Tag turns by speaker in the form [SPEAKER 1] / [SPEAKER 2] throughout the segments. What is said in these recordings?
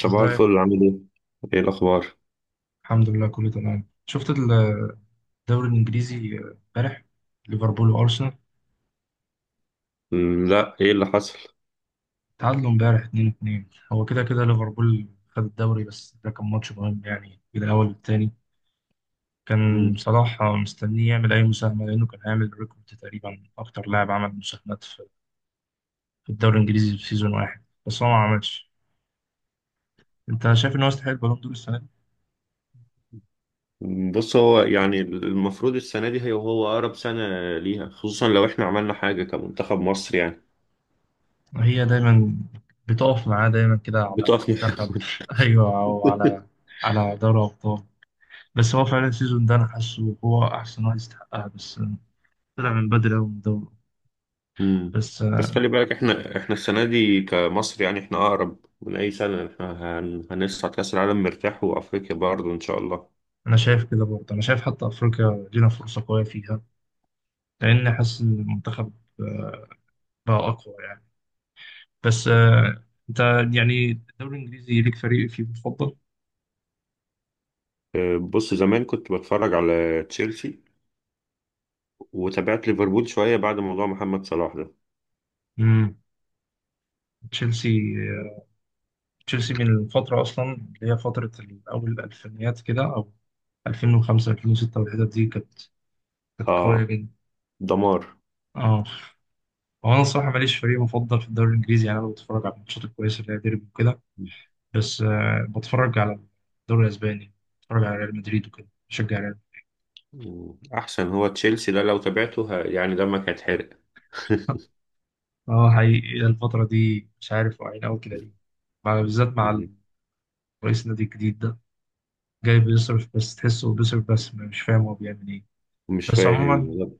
[SPEAKER 1] صباح
[SPEAKER 2] ازاي.
[SPEAKER 1] الفل، عامل ايه؟ ايه الأخبار؟
[SPEAKER 2] الحمد لله كله تمام. شفت الدوري الانجليزي امبارح، ليفربول وارسنال
[SPEAKER 1] لا، ايه اللي حصل؟
[SPEAKER 2] تعادلوا امبارح 2-2. هو كده كده ليفربول خد الدوري، بس ده كان ماتش مهم يعني كده اول التاني. كان
[SPEAKER 1] مم.
[SPEAKER 2] صلاح مستنيه يعمل اي مساهمه لانه كان هيعمل ريكورد تقريبا اكتر لاعب عمل مساهمات في الدوري الانجليزي في سيزون واحد، بس هو ما عملش. انت شايف ان هو يستحق البالون دور السنه دي؟
[SPEAKER 1] بص، هو يعني المفروض السنة دي هي هو أقرب سنة ليها، خصوصا لو احنا عملنا حاجة كمنتخب مصر يعني.
[SPEAKER 2] هي دايما بتقف معاه دايما كده على
[SPEAKER 1] بتقفنا.
[SPEAKER 2] منتخب ايوه او على على دوري ابطال. بس هو فعلا السيزون ده انا حاسه هو احسن واحد يستحقها، بس طلع من بدري قوي من الدوري.
[SPEAKER 1] مم.
[SPEAKER 2] بس
[SPEAKER 1] بس خلي بالك، احنا السنة دي كمصر يعني احنا أقرب من أي سنة. احنا هنصعد كأس العالم مرتاح، وأفريقيا برضه إن شاء الله.
[SPEAKER 2] انا شايف كده برضه، انا شايف حتى افريقيا لينا فرصه قويه فيها لان حاسس إن المنتخب آه، بقى اقوى يعني. بس انت يعني الدوري الانجليزي ليك فريق فيه مفضل؟
[SPEAKER 1] أه، بص، زمان كنت بتفرج على تشيلسي، وتابعت ليفربول شوية بعد موضوع محمد صلاح ده.
[SPEAKER 2] امم تشيلسي. تشيلسي من الفتره اصلا اللي هي فتره اول الالفينيات كده او 2005 2006، والحتت دي كانت قويه
[SPEAKER 1] اه،
[SPEAKER 2] جدا.
[SPEAKER 1] دمار.
[SPEAKER 2] اه. هو انا الصراحه ماليش فريق مفضل في الدوري الانجليزي يعني، انا بتفرج على الماتشات الكويسه اللي هي ديربي وكده. بس بتفرج على الدوري الاسباني، بتفرج على ريال مدريد وكده بشجع ريال.
[SPEAKER 1] مم. احسن هو تشيلسي ده لو تابعته يعني دمك هيتحرق.
[SPEAKER 2] اه حقيقي الفتره دي مش عارف واقعين قوي كده ليه، بالذات مع
[SPEAKER 1] مم.
[SPEAKER 2] رئيس النادي الجديد ده جاي بيصرف، بس تحسه بيصرف بس مش فاهم هو بيعمل ايه.
[SPEAKER 1] مش
[SPEAKER 2] بس
[SPEAKER 1] فاهم،
[SPEAKER 2] عموما،
[SPEAKER 1] لا.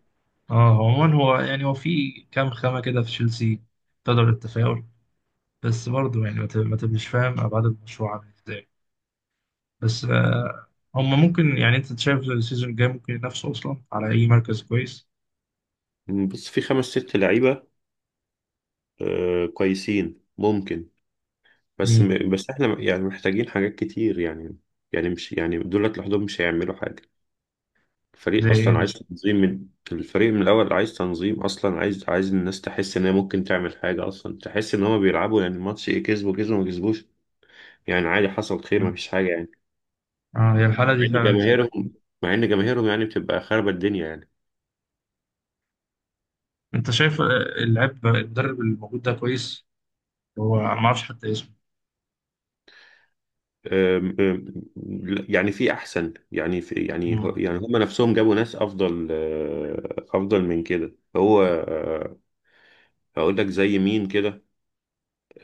[SPEAKER 2] اه عموما هو يعني هو في كام خامه كده في تشيلسي تقدر التفاؤل، بس برضه يعني ما تبقاش فاهم ابعاد المشروع عامل ازاي. بس هم ممكن، يعني انت شايف السيزون الجاي ممكن ينافسوا اصلا على اي مركز كويس؟
[SPEAKER 1] مم. بس في خمس ست لعيبة آه كويسين ممكن.
[SPEAKER 2] مين؟
[SPEAKER 1] بس احنا يعني محتاجين حاجات كتير يعني. يعني مش يعني دولت لوحدهم مش هيعملوا حاجة.
[SPEAKER 2] زي
[SPEAKER 1] الفريق
[SPEAKER 2] ايه
[SPEAKER 1] اصلا عايز
[SPEAKER 2] مثلا؟
[SPEAKER 1] تنظيم، من الفريق من الاول عايز تنظيم اصلا، عايز الناس تحس ان هي ممكن تعمل حاجة اصلا، تحس ان هما بيلعبوا. يعني الماتش ايه، كسبوا كسبوا ما كسبوش، يعني عادي، حصل خير، ما فيش حاجة يعني.
[SPEAKER 2] اه هي الحالة دي
[SPEAKER 1] مع ان
[SPEAKER 2] فعلا سيئة.
[SPEAKER 1] جماهيرهم، يعني بتبقى خاربة الدنيا يعني.
[SPEAKER 2] انت شايف اللاعب المدرب الموجود ده كويس؟ هو أنا ما اعرفش حتى اسمه.
[SPEAKER 1] أم- أم- لا، يعني في احسن يعني،
[SPEAKER 2] مم.
[SPEAKER 1] يعني هم نفسهم جابوا ناس افضل، افضل من كده، هو. هقول لك زي مين كده.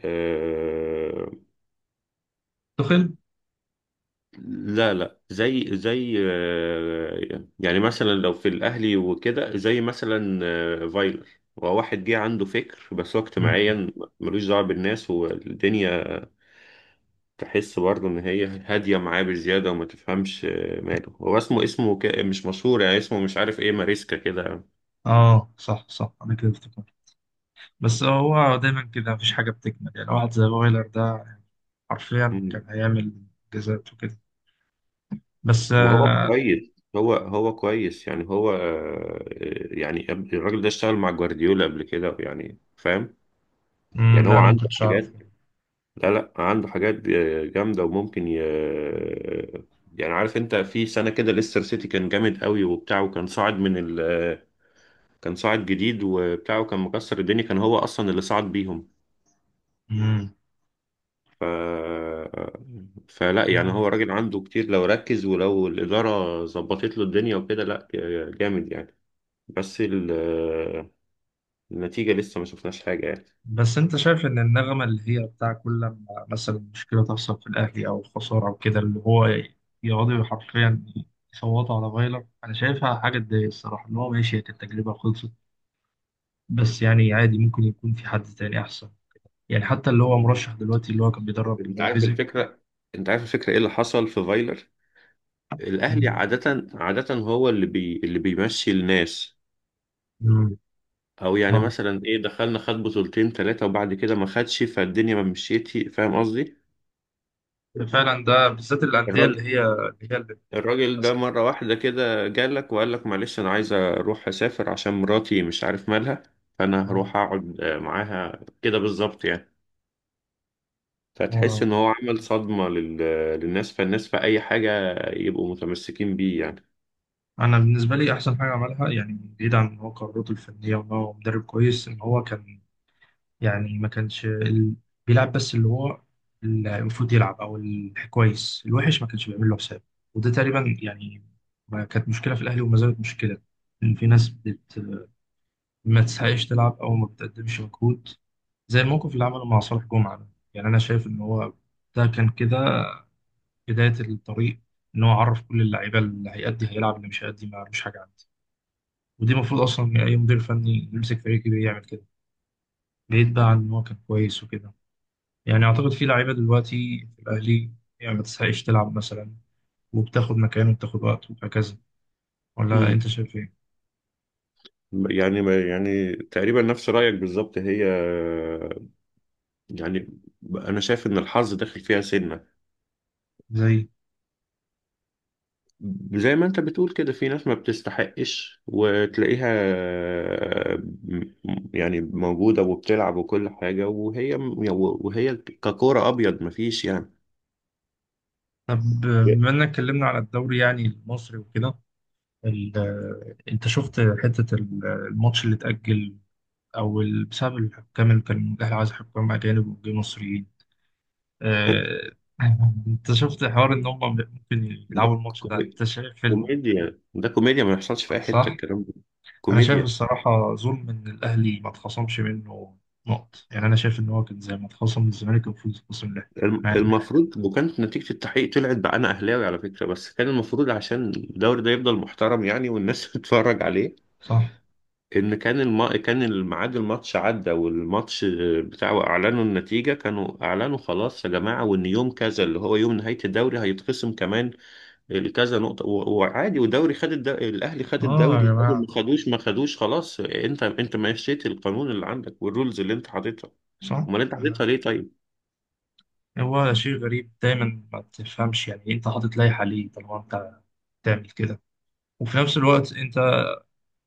[SPEAKER 1] آه،
[SPEAKER 2] تخل.
[SPEAKER 1] لا لا، زي زي يعني مثلا لو في الاهلي وكده، زي مثلا فايلر. هو واحد جه عنده فكر، بس هو
[SPEAKER 2] مم.
[SPEAKER 1] اجتماعيا ملوش دعوه بالناس والدنيا. تحس برضه ان هي هاديه معاه بزياده، وما تفهمش ماله. هو اسمه، مش مشهور يعني، اسمه مش عارف ايه، ماريسكا كده.
[SPEAKER 2] اه صح صح انا كده افتكرت، بس هو دايما كده مفيش حاجة بتكمل يعني واحد زي فايلر ده حرفيا كان
[SPEAKER 1] مم.
[SPEAKER 2] هيعمل انجازات وكده. بس
[SPEAKER 1] وهو كويس، هو كويس يعني، هو. يعني الراجل ده اشتغل مع جوارديولا قبل كده يعني، فاهم.
[SPEAKER 2] مم،
[SPEAKER 1] يعني
[SPEAKER 2] لا
[SPEAKER 1] هو
[SPEAKER 2] انا ما
[SPEAKER 1] عنده
[SPEAKER 2] كنتش اعرف.
[SPEAKER 1] حاجات. لا لا، عنده حاجات جامده، وممكن يعني عارف انت في سنه كده ليستر سيتي كان جامد قوي وبتاع، وكان صاعد من كان صاعد جديد وبتاع، وكان مكسر الدنيا، كان هو اصلا اللي صعد بيهم.
[SPEAKER 2] مم.
[SPEAKER 1] ف... فلا، يعني هو راجل عنده كتير، لو ركز ولو الإدارة ظبطت له الدنيا وكده، لا جامد يعني. بس ال- النتيجة لسه ما شفناش حاجة يعني.
[SPEAKER 2] بس انت شايف ان النغمه اللي هي بتاع كل لما مثلا مشكله تحصل في الاهلي او خساره او كده اللي هو يقعدوا حرفيا يصوتوا على فايلر، انا شايفها حاجه تضايق الصراحه، ان هو ماشي، هي كانت تجربه خلصت، بس يعني عادي ممكن يكون في حد تاني احسن، يعني حتى اللي هو مرشح دلوقتي اللي هو كان بيدرب
[SPEAKER 1] انت عارف
[SPEAKER 2] لايبزيج.
[SPEAKER 1] الفكرة انت عارف الفكرة ايه اللي حصل في فايلر. الاهلي عادة هو اللي اللي بيمشي الناس.
[SPEAKER 2] مم.
[SPEAKER 1] او يعني
[SPEAKER 2] اه
[SPEAKER 1] مثلا ايه، دخلنا خد بطولتين ثلاثة وبعد كده ما خدش، فالدنيا ما مشيتي، فاهم قصدي.
[SPEAKER 2] فعلا ده بالذات الانديه اللي
[SPEAKER 1] الراجل
[SPEAKER 2] هي اللي هي اللي
[SPEAKER 1] الراجل ده
[SPEAKER 2] ماسكه.
[SPEAKER 1] مرة واحدة كده جالك وقال لك معلش، أنا عايز أروح أسافر عشان مراتي مش عارف مالها، فأنا
[SPEAKER 2] اه.
[SPEAKER 1] هروح أقعد معاها كده بالظبط يعني. فتحس
[SPEAKER 2] آه.
[SPEAKER 1] إن هو عمل صدمة للناس، فالناس في أي حاجة يبقوا متمسكين بيه يعني.
[SPEAKER 2] انا بالنسبه لي احسن حاجه عملها يعني، بعيد عن ان هو قدراته الفنيه وان هو مدرب كويس، ان هو كان، يعني ما كانش بيلعب بس اللي هو اللي المفروض يلعب او الكويس الوحش ما كانش بيعمل له حساب، وده تقريبا يعني ما كانت مشكله في الاهلي وما زالت مشكله ان في ناس ما تسعيش تلعب او ما بتقدمش مجهود، زي الموقف اللي عمله مع صالح جمعه ده. يعني انا شايف ان هو ده كان كده بدايه الطريق، ان هو عرف كل اللعيبه اللي هيأدي هيلعب اللي مش هيأدي ما مش حاجه عندي، ودي المفروض اصلا اي مدير فني يمسك فريق كبير يعمل كده، بعيد بقى عن ان هو كان كويس وكده. يعني اعتقد في لعيبه دلوقتي في الاهلي، يعني ما تستحقش تلعب مثلا، وبتاخد مكانه وبتاخد وقته وهكذا، ولا
[SPEAKER 1] مم.
[SPEAKER 2] انت شايف ايه؟
[SPEAKER 1] يعني، يعني تقريبا نفس رأيك بالظبط هي، يعني أنا شايف إن الحظ داخل فيها سنة.
[SPEAKER 2] زي.
[SPEAKER 1] زي ما انت بتقول كده في ناس ما بتستحقش وتلاقيها م- يعني موجودة وبتلعب وكل حاجة، وهي، وهي ككورة أبيض مفيش يعني.
[SPEAKER 2] طب بما انك اتكلمنا على الدوري يعني المصري وكده، انت شفت حته الماتش اللي اتاجل او بسبب الحكام، اللي كان الاهلي عايز حكام اجانب وجه مصريين، آه، انت شفت حوار ان هم ممكن يلعبوا
[SPEAKER 1] ده
[SPEAKER 2] الماتش ده؟
[SPEAKER 1] كومي-
[SPEAKER 2] انت شايف
[SPEAKER 1] كوميديا، ده كوميديا، ما يحصلش في أي حتة
[SPEAKER 2] صح؟
[SPEAKER 1] الكلام ده.
[SPEAKER 2] انا شايف
[SPEAKER 1] كوميديا.
[SPEAKER 2] الصراحه ظلم ان الاهلي ما اتخصمش منه نقط، يعني انا شايف ان هو كان زي ما اتخصم من الزمالك كان المفروض يتخصم له. مع ان.
[SPEAKER 1] المفروض. وكانت نتيجة التحقيق طلعت، بقى أنا أهلاوي على فكرة، بس كان المفروض عشان الدوري ده يفضل محترم يعني والناس تتفرج عليه.
[SPEAKER 2] صح.
[SPEAKER 1] ان كان كان الميعاد، الماتش عدى، والماتش بتاعه اعلنوا النتيجه، كانوا اعلنوا خلاص يا جماعه، وان يوم كذا اللي هو يوم نهايه الدوري هيتخصم كمان كذا نقطه وعادي. ودوري خد الاهلي خد
[SPEAKER 2] اه يا
[SPEAKER 1] الدوري، خد ما
[SPEAKER 2] جماعه
[SPEAKER 1] خدوش ما خدوش خلاص. انت مشيت القانون اللي عندك والرولز اللي انت حاططها.
[SPEAKER 2] صح.
[SPEAKER 1] امال انت حاططها
[SPEAKER 2] انا.
[SPEAKER 1] ليه طيب؟
[SPEAKER 2] هو شيء غريب دايما ما تفهمش يعني إيه، انت حاطط لائحه ليه طالما انت تعمل كده، وفي نفس الوقت انت،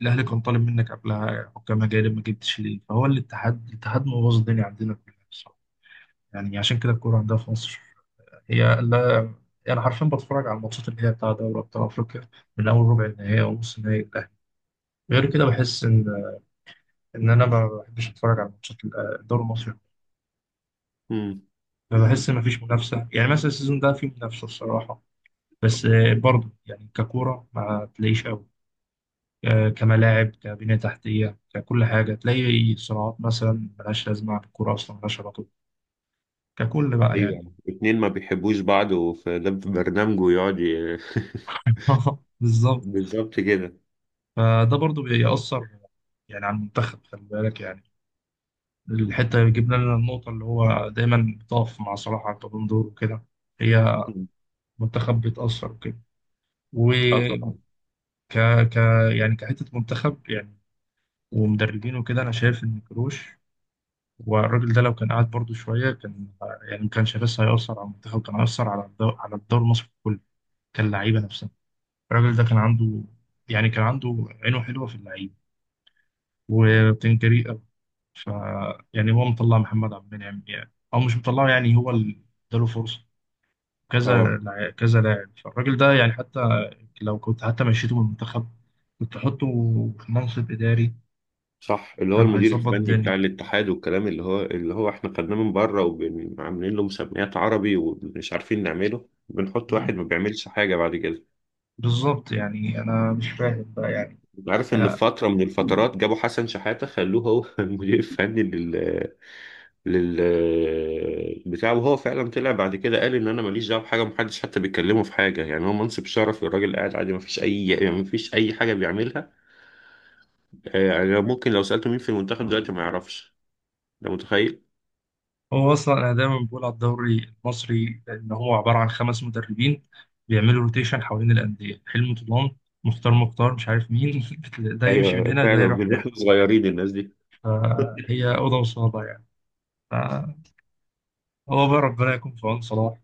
[SPEAKER 2] الاهلي كان طالب منك قبلها حكام اجانب ما جبتش ليه، فهو الاتحاد مبوظ الدنيا عندنا كلها بصراحة. يعني عشان كده الكوره عندها في مصر هي لا، يعني حرفيا بتفرج على الماتشات اللي هي بتاع دوري أبطال أفريقيا من أول ربع النهائي أو نص النهائي للأهلي، غير كده بحس إن أنا ما بحبش أتفرج على ماتشات الدوري المصري.
[SPEAKER 1] امم.
[SPEAKER 2] بحس إن مفيش منافسة يعني، مثلا السيزون ده فيه منافسة الصراحة، بس برضه يعني ككورة ما تلاقيش أوي كملاعب كبنية تحتية ككل حاجة، تلاقي صناعات مثلا ملهاش لازمة عن الكورة أصلا ملهاش علاقة ككل بقى يعني.
[SPEAKER 1] ايوه، اتنين ما بيحبوش بعض، وفي ده في برنامجه يقعد
[SPEAKER 2] بالظبط.
[SPEAKER 1] بالظبط كده.
[SPEAKER 2] فده برضه بيأثر يعني على المنتخب خلي بالك يعني، الحتة جبنا لنا النقطة اللي هو دايما بتقف مع صلاح على البالون دور وكده، هي منتخب بيتأثر وكده، وك
[SPEAKER 1] اه طبعا.
[SPEAKER 2] ك يعني كحتة منتخب يعني ومدربين وكده. أنا شايف إن كروش والراجل ده لو كان قاعد برضه شوية كان، يعني ما كانش بس هيأثر على المنتخب كان هيأثر على على الدوري المصري كله، كان لعيبة نفسها. الراجل ده كان عنده، يعني كان عنده عينه حلوة في اللعيبة وبتنجري أوي. ف يعني هو مطلع محمد عبد المنعم، يعني أو مش مطلعه، يعني هو اللي اداله فرصة،
[SPEAKER 1] اه
[SPEAKER 2] كذا لاعب. فالراجل ده يعني حتى لو كنت حتى مشيته من المنتخب كنت تحطه في منصب إداري،
[SPEAKER 1] صح، اللي هو
[SPEAKER 2] كان
[SPEAKER 1] المدير
[SPEAKER 2] هيظبط
[SPEAKER 1] الفني بتاع
[SPEAKER 2] الدنيا.
[SPEAKER 1] الاتحاد، والكلام اللي هو احنا خدناه من بره، وعاملين له مسميات عربي ومش عارفين نعمله، بنحط واحد
[SPEAKER 2] ب-
[SPEAKER 1] ما بيعملش حاجة بعد كده.
[SPEAKER 2] بالظبط يعني أنا مش فاهم بقى يعني.
[SPEAKER 1] عارف ان في
[SPEAKER 2] آه،
[SPEAKER 1] فترة من الفترات جابوا حسن شحاتة خلوه هو المدير الفني لل لل بتاع. وهو فعلا طلع بعد كده قال ان انا ماليش دعوه بحاجه، محدش حتى بيتكلمه في حاجه يعني، هو منصب شرفي، الراجل قاعد عادي، ما فيش اي حاجه بيعملها. يعني ممكن لو سالته مين في المنتخب دلوقتي ما يعرفش، ده متخيل.
[SPEAKER 2] هو أصلا أنا دايما بقول على الدوري المصري إن هو عبارة عن خمس مدربين بيعملوا روتيشن حوالين الأندية، حلمي طولان، مختار مختار مش عارف مين. ده
[SPEAKER 1] ايوه،
[SPEAKER 2] يمشي من
[SPEAKER 1] أيوه،
[SPEAKER 2] هنا، ده
[SPEAKER 1] فعلا
[SPEAKER 2] يروح هنا.
[SPEAKER 1] بنروح صغيرين الناس دي.
[SPEAKER 2] فهي أوضة وصالة يعني. فهو بقى ربنا يكون في عون صلاح،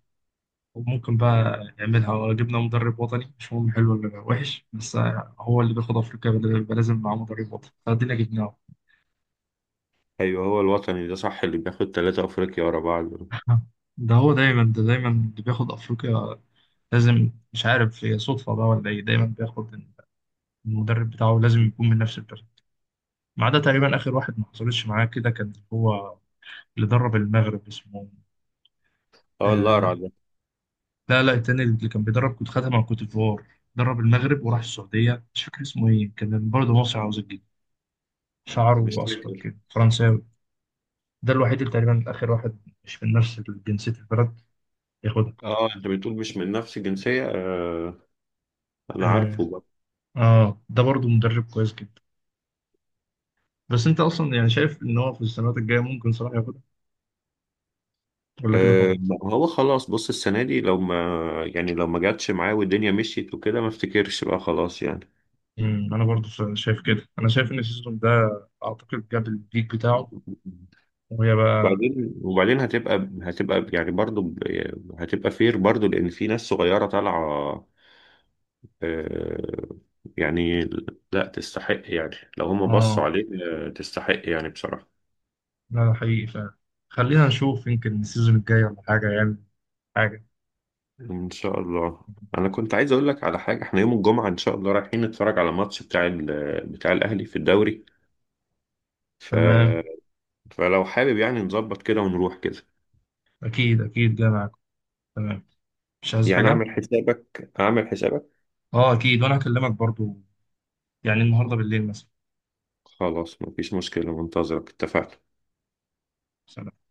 [SPEAKER 2] وممكن بقى يعملها لو جبنا مدرب وطني مش مهم حلو ولا وحش، بس هو اللي بياخد افريقيا، بيبقى لازم معاه مدرب وطني فادينا جبناه.
[SPEAKER 1] ايوه، هو الوطني ده صح اللي بياخد ثلاثة افريقيا ورا بعض.
[SPEAKER 2] ده دايما اللي بياخد افريقيا لازم، مش عارف هي صدفه بقى ولا ايه، دايما بياخد المدرب بتاعه لازم يكون من نفس البلد. ما عدا تقريبا اخر واحد ما حصلتش معاه كده، كان هو اللي درب المغرب اسمه
[SPEAKER 1] اه،
[SPEAKER 2] آه
[SPEAKER 1] الأقرع ده.
[SPEAKER 2] لا لا التاني اللي كان بيدرب كنت خدها مع كوت ديفوار، درب المغرب وراح السعوديه مش فاكر اسمه ايه، كان برضه مصري عاوز،
[SPEAKER 1] مش
[SPEAKER 2] شعره أصفر
[SPEAKER 1] فاكر.
[SPEAKER 2] كده فرنساوي، ده الوحيد اللي تقريبا آخر واحد مش من نفس جنسية البلد ياخدها.
[SPEAKER 1] اه انت بتقول مش من نفس الجنسية. انا
[SPEAKER 2] آه.
[SPEAKER 1] عارفه بقى.
[SPEAKER 2] آه ده برضو مدرب كويس جدا. بس أنت أصلا يعني شايف إن هو في السنوات الجاية ممكن صلاح ياخدها ولا كده
[SPEAKER 1] آه،
[SPEAKER 2] خلاص؟
[SPEAKER 1] ما هو خلاص. بص السنة دي لو ما، يعني لو ما جاتش معاه والدنيا مشيت وكده، ما افتكرش بقى خلاص يعني.
[SPEAKER 2] أنا برضو شايف كده، أنا شايف إن السيزون ده أعتقد جاب البيك بتاعه، وهي بقى.
[SPEAKER 1] بعدين هتبقى يعني برضو هتبقى فير برضو، لان في ناس صغيرة طالعة آه، يعني لا تستحق يعني لو هم بصوا
[SPEAKER 2] آه
[SPEAKER 1] عليه. آه، تستحق يعني بصراحة.
[SPEAKER 2] لا ده حقيقي فعلا، خلينا نشوف يمكن السيزون الجاي ولا حاجة يعني حاجة.
[SPEAKER 1] إن شاء الله. أنا كنت عايز أقول لك على حاجة. إحنا يوم الجمعة إن شاء الله رايحين نتفرج على ماتش بتاع بتاع الأهلي في الدوري. ف...
[SPEAKER 2] تمام.
[SPEAKER 1] فلو حابب يعني نظبط كده ونروح كده.
[SPEAKER 2] أكيد أكيد جاي معاكم، تمام، مش عايز
[SPEAKER 1] يعني
[SPEAKER 2] حاجة؟
[SPEAKER 1] أعمل حسابك، أعمل حسابك.
[SPEAKER 2] آه أكيد وأنا هكلمك برضو يعني النهاردة بالليل مثلا.
[SPEAKER 1] خلاص، مفيش مشكلة، منتظرك، اتفقنا.
[SPEAKER 2] سلام.